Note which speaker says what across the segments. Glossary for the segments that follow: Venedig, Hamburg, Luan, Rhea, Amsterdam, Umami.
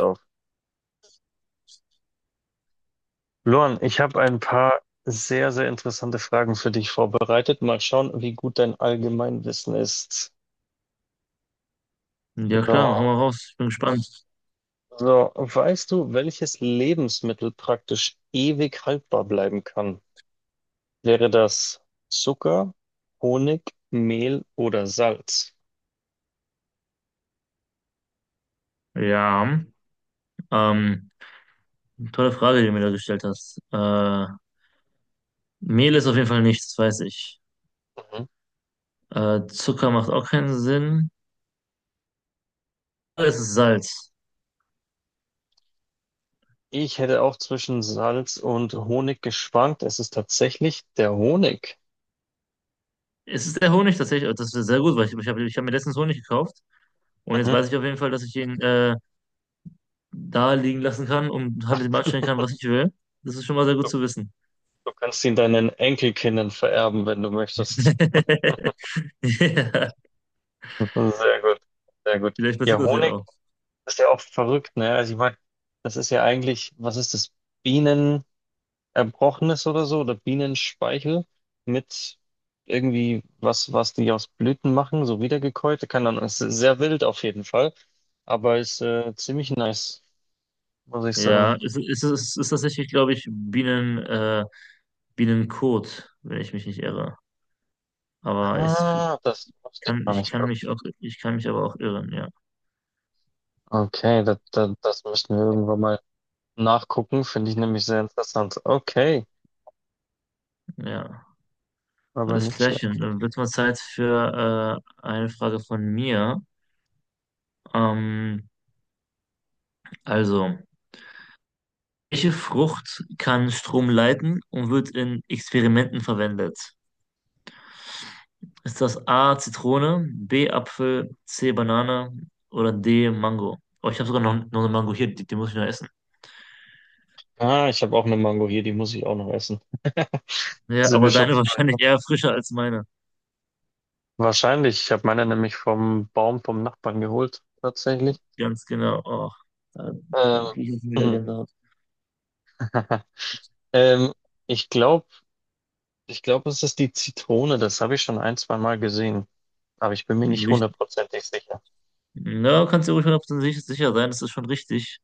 Speaker 1: Auf. Luan, ich habe ein paar sehr, sehr interessante Fragen für dich vorbereitet. Mal schauen, wie gut dein Allgemeinwissen ist.
Speaker 2: Ja klar, hau
Speaker 1: So,
Speaker 2: mal raus. Ich bin gespannt.
Speaker 1: weißt du, welches Lebensmittel praktisch ewig haltbar bleiben kann? Wäre das Zucker, Honig, Mehl oder Salz?
Speaker 2: Ja, ähm, tolle Frage, die du mir da gestellt hast. Mehl ist auf jeden Fall nichts, das weiß ich.
Speaker 1: Mhm.
Speaker 2: Zucker macht auch keinen Sinn. Es ist Salz.
Speaker 1: Ich hätte auch zwischen Salz und Honig geschwankt. Es ist tatsächlich der Honig.
Speaker 2: Es ist der Honig tatsächlich, das ist sehr gut, weil ich hab mir letztens Honig gekauft, und jetzt
Speaker 1: Mhm.
Speaker 2: weiß ich auf jeden Fall, dass ich ihn da liegen lassen kann und halt mit ihm anstellen kann, was ich will. Das ist schon mal sehr gut
Speaker 1: Du,
Speaker 2: zu wissen.
Speaker 1: du kannst ihn deinen Enkelkindern vererben, wenn du möchtest.
Speaker 2: Ja,
Speaker 1: Sehr gut, sehr gut.
Speaker 2: vielleicht
Speaker 1: Ja,
Speaker 2: passiert das ja
Speaker 1: Honig
Speaker 2: auch.
Speaker 1: ist ja auch verrückt, ne? Also ich meine, das ist ja eigentlich, was ist das? Bienen erbrochenes oder so oder Bienenspeichel mit irgendwie was, was die aus Blüten machen, so wiedergekäut. Kann dann, ist sehr wild auf jeden Fall, aber ist ziemlich nice, muss ich sagen.
Speaker 2: Ja, es ist tatsächlich, glaube ich, Bienen. Billancourt, wenn ich mich nicht irre. Aber es
Speaker 1: Ah, das wusste ich
Speaker 2: kann,
Speaker 1: noch nicht.
Speaker 2: ich kann mich aber auch irren, ja.
Speaker 1: Okay, das müssen wir irgendwann mal nachgucken, finde ich nämlich sehr interessant. Okay,
Speaker 2: Ja.
Speaker 1: aber
Speaker 2: Alles
Speaker 1: nicht schlecht.
Speaker 2: klärchen. Dann wird mal Zeit für eine Frage von mir. Ähm, also, welche Frucht kann Strom leiten und wird in Experimenten verwendet? Ist das A Zitrone, B Apfel, C Banane oder D Mango? Oh, ich habe sogar noch eine Mango hier, die, die muss ich noch essen.
Speaker 1: Ah, ich habe auch eine Mango hier, die muss ich auch noch essen.
Speaker 2: Ja,
Speaker 1: Sind
Speaker 2: aber
Speaker 1: wir schon
Speaker 2: deine
Speaker 1: zwei?
Speaker 2: wahrscheinlich eher frischer als meine.
Speaker 1: Wahrscheinlich. Ich habe meine nämlich vom Baum vom Nachbarn geholt, tatsächlich.
Speaker 2: Ganz genau. Oh, da,
Speaker 1: Ähm,
Speaker 2: da kriege ich jetzt wieder
Speaker 1: mhm.
Speaker 2: Gänsehaut.
Speaker 1: ähm, ich glaube, es ist die Zitrone. Das habe ich schon ein, zwei Mal gesehen. Aber ich bin mir nicht
Speaker 2: Richtig.
Speaker 1: hundertprozentig sicher.
Speaker 2: Na, kannst dir ruhig 100% sicher sein, das ist schon richtig.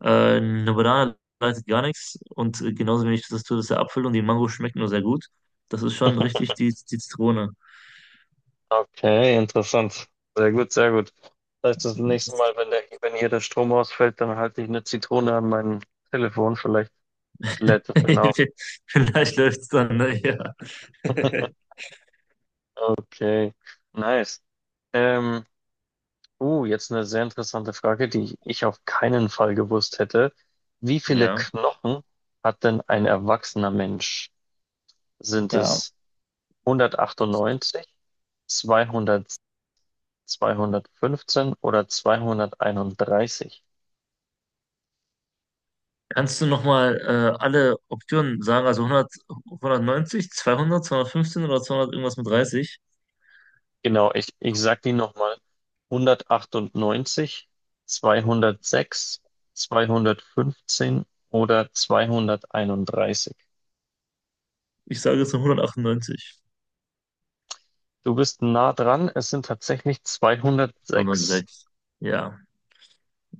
Speaker 2: Äh, eine Banane leitet gar nichts, und genauso wenig das tut es der Apfel, und die Mango schmeckt nur sehr gut. Das ist schon richtig, die, die Zitrone.
Speaker 1: Okay, interessant. Sehr gut, sehr gut. Das heißt, das nächste Mal, wenn wenn hier der Strom ausfällt, dann halte ich eine Zitrone an mein Telefon. Vielleicht lädt es dann auf.
Speaker 2: Vielleicht läuft es dann, ne? Ja.
Speaker 1: Okay, nice. Ähm, jetzt eine sehr interessante Frage, die ich auf keinen Fall gewusst hätte. Wie viele
Speaker 2: Ja.
Speaker 1: Knochen hat denn ein erwachsener Mensch? Sind
Speaker 2: Ja.
Speaker 1: es 198, 200, 215 oder 231?
Speaker 2: Kannst du nochmal alle Optionen sagen? Also 100, 190, 200, 215 oder 200 irgendwas mit 30?
Speaker 1: Genau, ich sag die nochmal. 198, 206, 215 oder 231.
Speaker 2: Ich sage jetzt nur 198.
Speaker 1: Du bist nah dran, es sind tatsächlich 206.
Speaker 2: 106. Ja,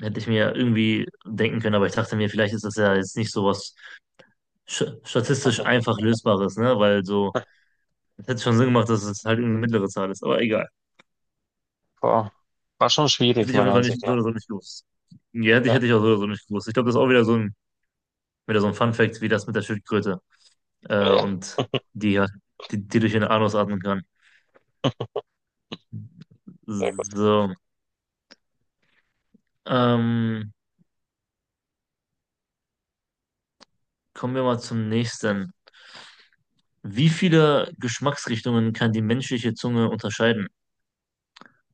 Speaker 2: hätte ich mir irgendwie denken können, aber ich dachte mir, vielleicht ist das ja jetzt nicht so was statistisch einfach Lösbares, ne? Weil so, es hätte schon Sinn gemacht, dass es halt irgendeine mittlere Zahl ist, aber egal.
Speaker 1: Boah, war schon
Speaker 2: Hätte
Speaker 1: schwierig,
Speaker 2: ich auf
Speaker 1: meiner
Speaker 2: jeden Fall
Speaker 1: Ansicht
Speaker 2: nicht, so
Speaker 1: nach.
Speaker 2: oder so nicht gewusst. Ja,
Speaker 1: Ja,
Speaker 2: hätte ich auch so oder so nicht gewusst. Ich glaube, das ist auch wieder so ein Fun-Fact, wie das mit der Schildkröte,
Speaker 1: ja,
Speaker 2: und die, ja- die, die durch ihren Anus atmen kann.
Speaker 1: sehr gut.
Speaker 2: So, ähm, kommen wir mal zum nächsten. Wie viele Geschmacksrichtungen kann die menschliche Zunge unterscheiden?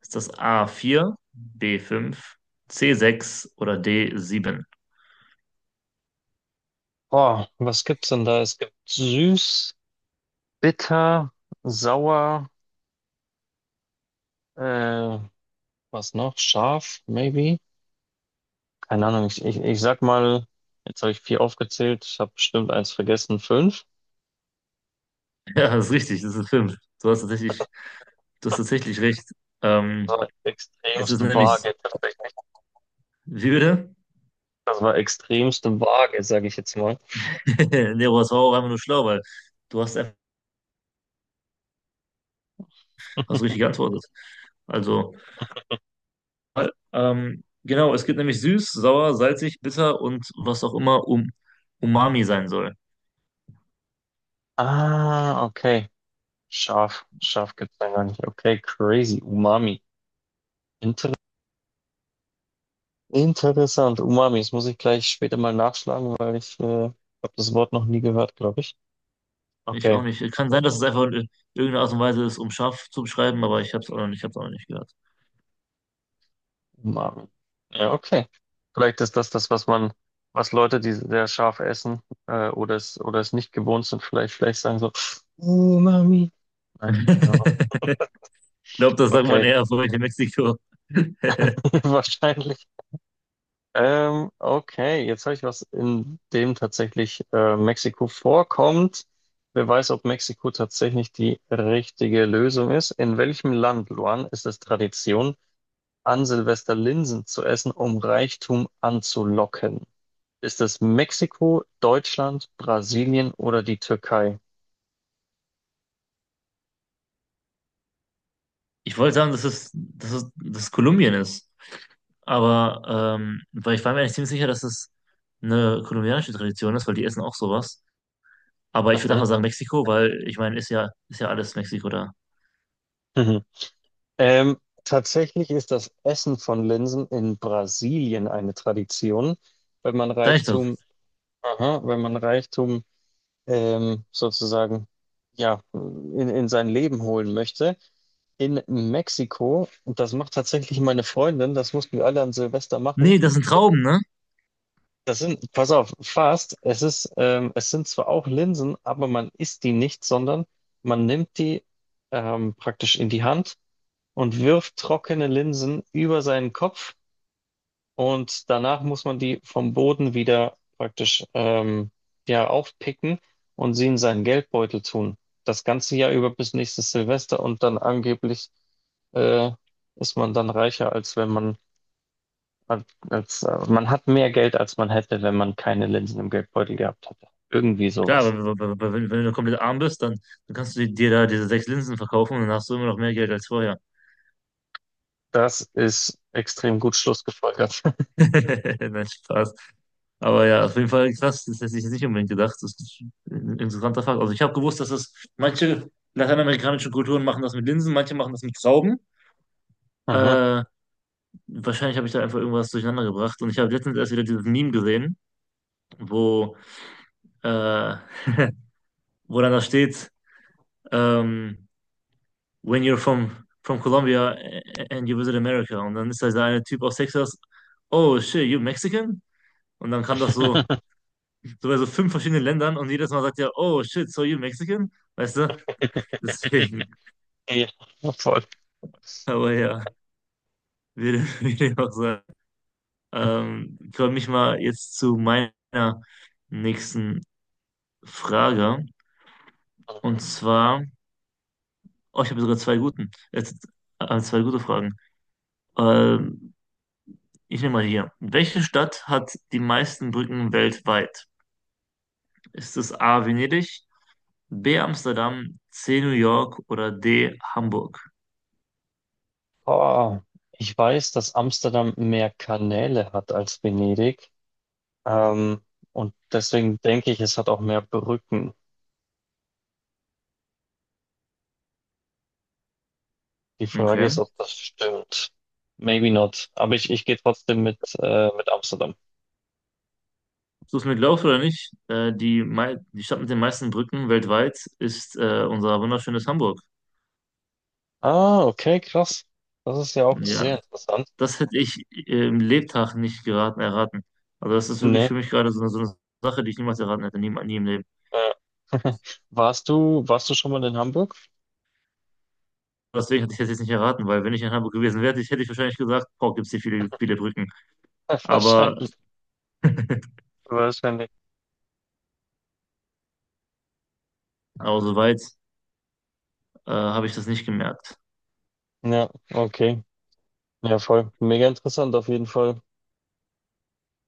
Speaker 2: Ist das a vier, b 5, c sechs oder d sieben?
Speaker 1: Boah, was gibt's denn da? Es gibt süß, bitter, sauer, äh, was noch? Scharf, maybe? Keine Ahnung, ich sag mal, jetzt habe ich vier aufgezählt, ich habe bestimmt eins vergessen, fünf.
Speaker 2: Ja, das ist richtig, das ist fünf. Du hast tatsächlich, du hast tatsächlich recht.
Speaker 1: Das
Speaker 2: Ähm,
Speaker 1: war
Speaker 2: es
Speaker 1: extremst
Speaker 2: ist nämlich,
Speaker 1: vage, tatsächlich.
Speaker 2: wie bitte?
Speaker 1: Das war extremst vage, sage ich jetzt mal.
Speaker 2: Nee, aber das war auch einfach nur schlau, weil du hast richtig geantwortet. Also, genau, es gibt nämlich süß, sauer, salzig, bitter und was auch immer um Umami sein soll.
Speaker 1: Ah, okay. Scharf, scharf gibt's da gar nicht. Okay, crazy, Umami. Interessant. Umami. Das muss ich gleich später mal nachschlagen, weil ich habe das Wort noch nie gehört, glaube ich.
Speaker 2: Ich auch
Speaker 1: Okay,
Speaker 2: nicht. Kann sein, dass es einfach in irgendeiner Art und Weise ist, um scharf zu beschreiben, aber ich habe es auch noch nicht, ich hab's auch noch nicht gehört.
Speaker 1: Umami. Ja, okay. Vielleicht ist das das, was man, was Leute, die sehr scharf essen oder es nicht gewohnt sind, vielleicht sagen so Umami. Nein, keine Ahnung.
Speaker 2: Ich glaube, das sagt man
Speaker 1: Okay,
Speaker 2: eher so in Mexiko.
Speaker 1: wahrscheinlich. Okay, jetzt habe ich was, in dem tatsächlich Mexiko vorkommt. Wer weiß, ob Mexiko tatsächlich die richtige Lösung ist. In welchem Land, Luan, ist es Tradition, an Silvester Linsen zu essen, um Reichtum anzulocken? Ist es Mexiko, Deutschland, Brasilien oder die Türkei?
Speaker 2: Ich wollte sagen, dass es Kolumbien ist. Weil ich war mir eigentlich ziemlich sicher, dass es eine kolumbianische Tradition ist, weil die essen auch sowas. Aber ich würde
Speaker 1: Mhm.
Speaker 2: einfach sagen Mexiko, weil ich meine, ist ja alles Mexiko da.
Speaker 1: Mhm. Ähm, tatsächlich ist das Essen von Linsen in Brasilien eine Tradition, wenn man
Speaker 2: Sag ich doch.
Speaker 1: Reichtum, aha, wenn man Reichtum sozusagen ja, in sein Leben holen möchte. In Mexiko, und das macht tatsächlich meine Freundin, das mussten wir alle an Silvester machen.
Speaker 2: Nee, das sind Trauben, ne?
Speaker 1: Das sind, pass auf, Fast, es ist, es sind zwar auch Linsen, aber man isst die nicht, sondern man nimmt die praktisch in die Hand und wirft trockene Linsen über seinen Kopf und danach muss man die vom Boden wieder praktisch ja, aufpicken und sie in seinen Geldbeutel tun. Das ganze Jahr über bis nächstes Silvester und dann angeblich äh, ist man dann reicher, als wenn man, als man hat mehr Geld, als man hätte, wenn man keine Linsen im Geldbeutel gehabt hätte. Irgendwie
Speaker 2: Klar, aber
Speaker 1: sowas.
Speaker 2: wenn, wenn du komplett arm bist, dann, dann kannst du dir da diese sechs Linsen verkaufen, und dann hast du immer noch mehr Geld als vorher.
Speaker 1: Das ist extrem gut schlussgefolgert.
Speaker 2: Nein, Spaß. Aber ja, auf jeden Fall krass, das hätte ich jetzt nicht unbedingt gedacht. Das ist ein interessanter Fakt. Also ich habe gewusst, dass das manche lateinamerikanische Kulturen machen, das mit Linsen, manche machen das mit Trauben.
Speaker 1: Mhm.
Speaker 2: Äh, wahrscheinlich habe ich da einfach irgendwas durcheinander gebracht. Und ich habe letztens erst wieder dieses Meme gesehen, wo, äh, wo dann da steht, ähm, when you're from, from Colombia and you visit America. Und dann ist da dieser eine Typ aus Texas, oh shit, you Mexican? Und dann kam das so, so bei so fünf verschiedenen Ländern, und jedes Mal sagt er, oh shit, so you Mexican? Weißt du? Deswegen,
Speaker 1: Ja, voll.
Speaker 2: aber ja, würde, würde ich auch sagen. Ich komme ich mal jetzt zu meiner nächsten Frage. Und zwar, oh, ich habe sogar zwei gute Fragen. Ähm, ich nehme mal hier. Welche Stadt hat die meisten Brücken weltweit? Ist es A. Venedig, B. Amsterdam, C. New York oder D. Hamburg?
Speaker 1: Oh, ich weiß, dass Amsterdam mehr Kanäle hat als Venedig. Ähm, und deswegen denke ich, es hat auch mehr Brücken. Die Frage
Speaker 2: Okay.
Speaker 1: ist, ob das stimmt. Maybe not. Aber ich gehe trotzdem mit Amsterdam.
Speaker 2: Du es mir glaubst oder nicht, die, die Stadt mit den meisten Brücken weltweit ist unser wunderschönes Hamburg.
Speaker 1: Ah, okay, krass. Das ist ja auch
Speaker 2: Ja,
Speaker 1: sehr interessant.
Speaker 2: das hätte ich im Lebtag nicht geraten, erraten. Also das ist wirklich
Speaker 1: Nee.
Speaker 2: für mich gerade so eine Sache, die ich niemals erraten hätte, nie, nie im Leben.
Speaker 1: Ja. Warst du schon mal in Hamburg?
Speaker 2: Deswegen hätte ich das jetzt nicht erraten, weil wenn ich in Hamburg gewesen wäre, hätte ich wahrscheinlich gesagt, boah, gibt es hier viele, viele Brücken. Aber,
Speaker 1: Wahrscheinlich. Wahrscheinlich.
Speaker 2: aber soweit habe ich das nicht gemerkt.
Speaker 1: Ja, okay. Ja, voll. Mega interessant auf jeden Fall.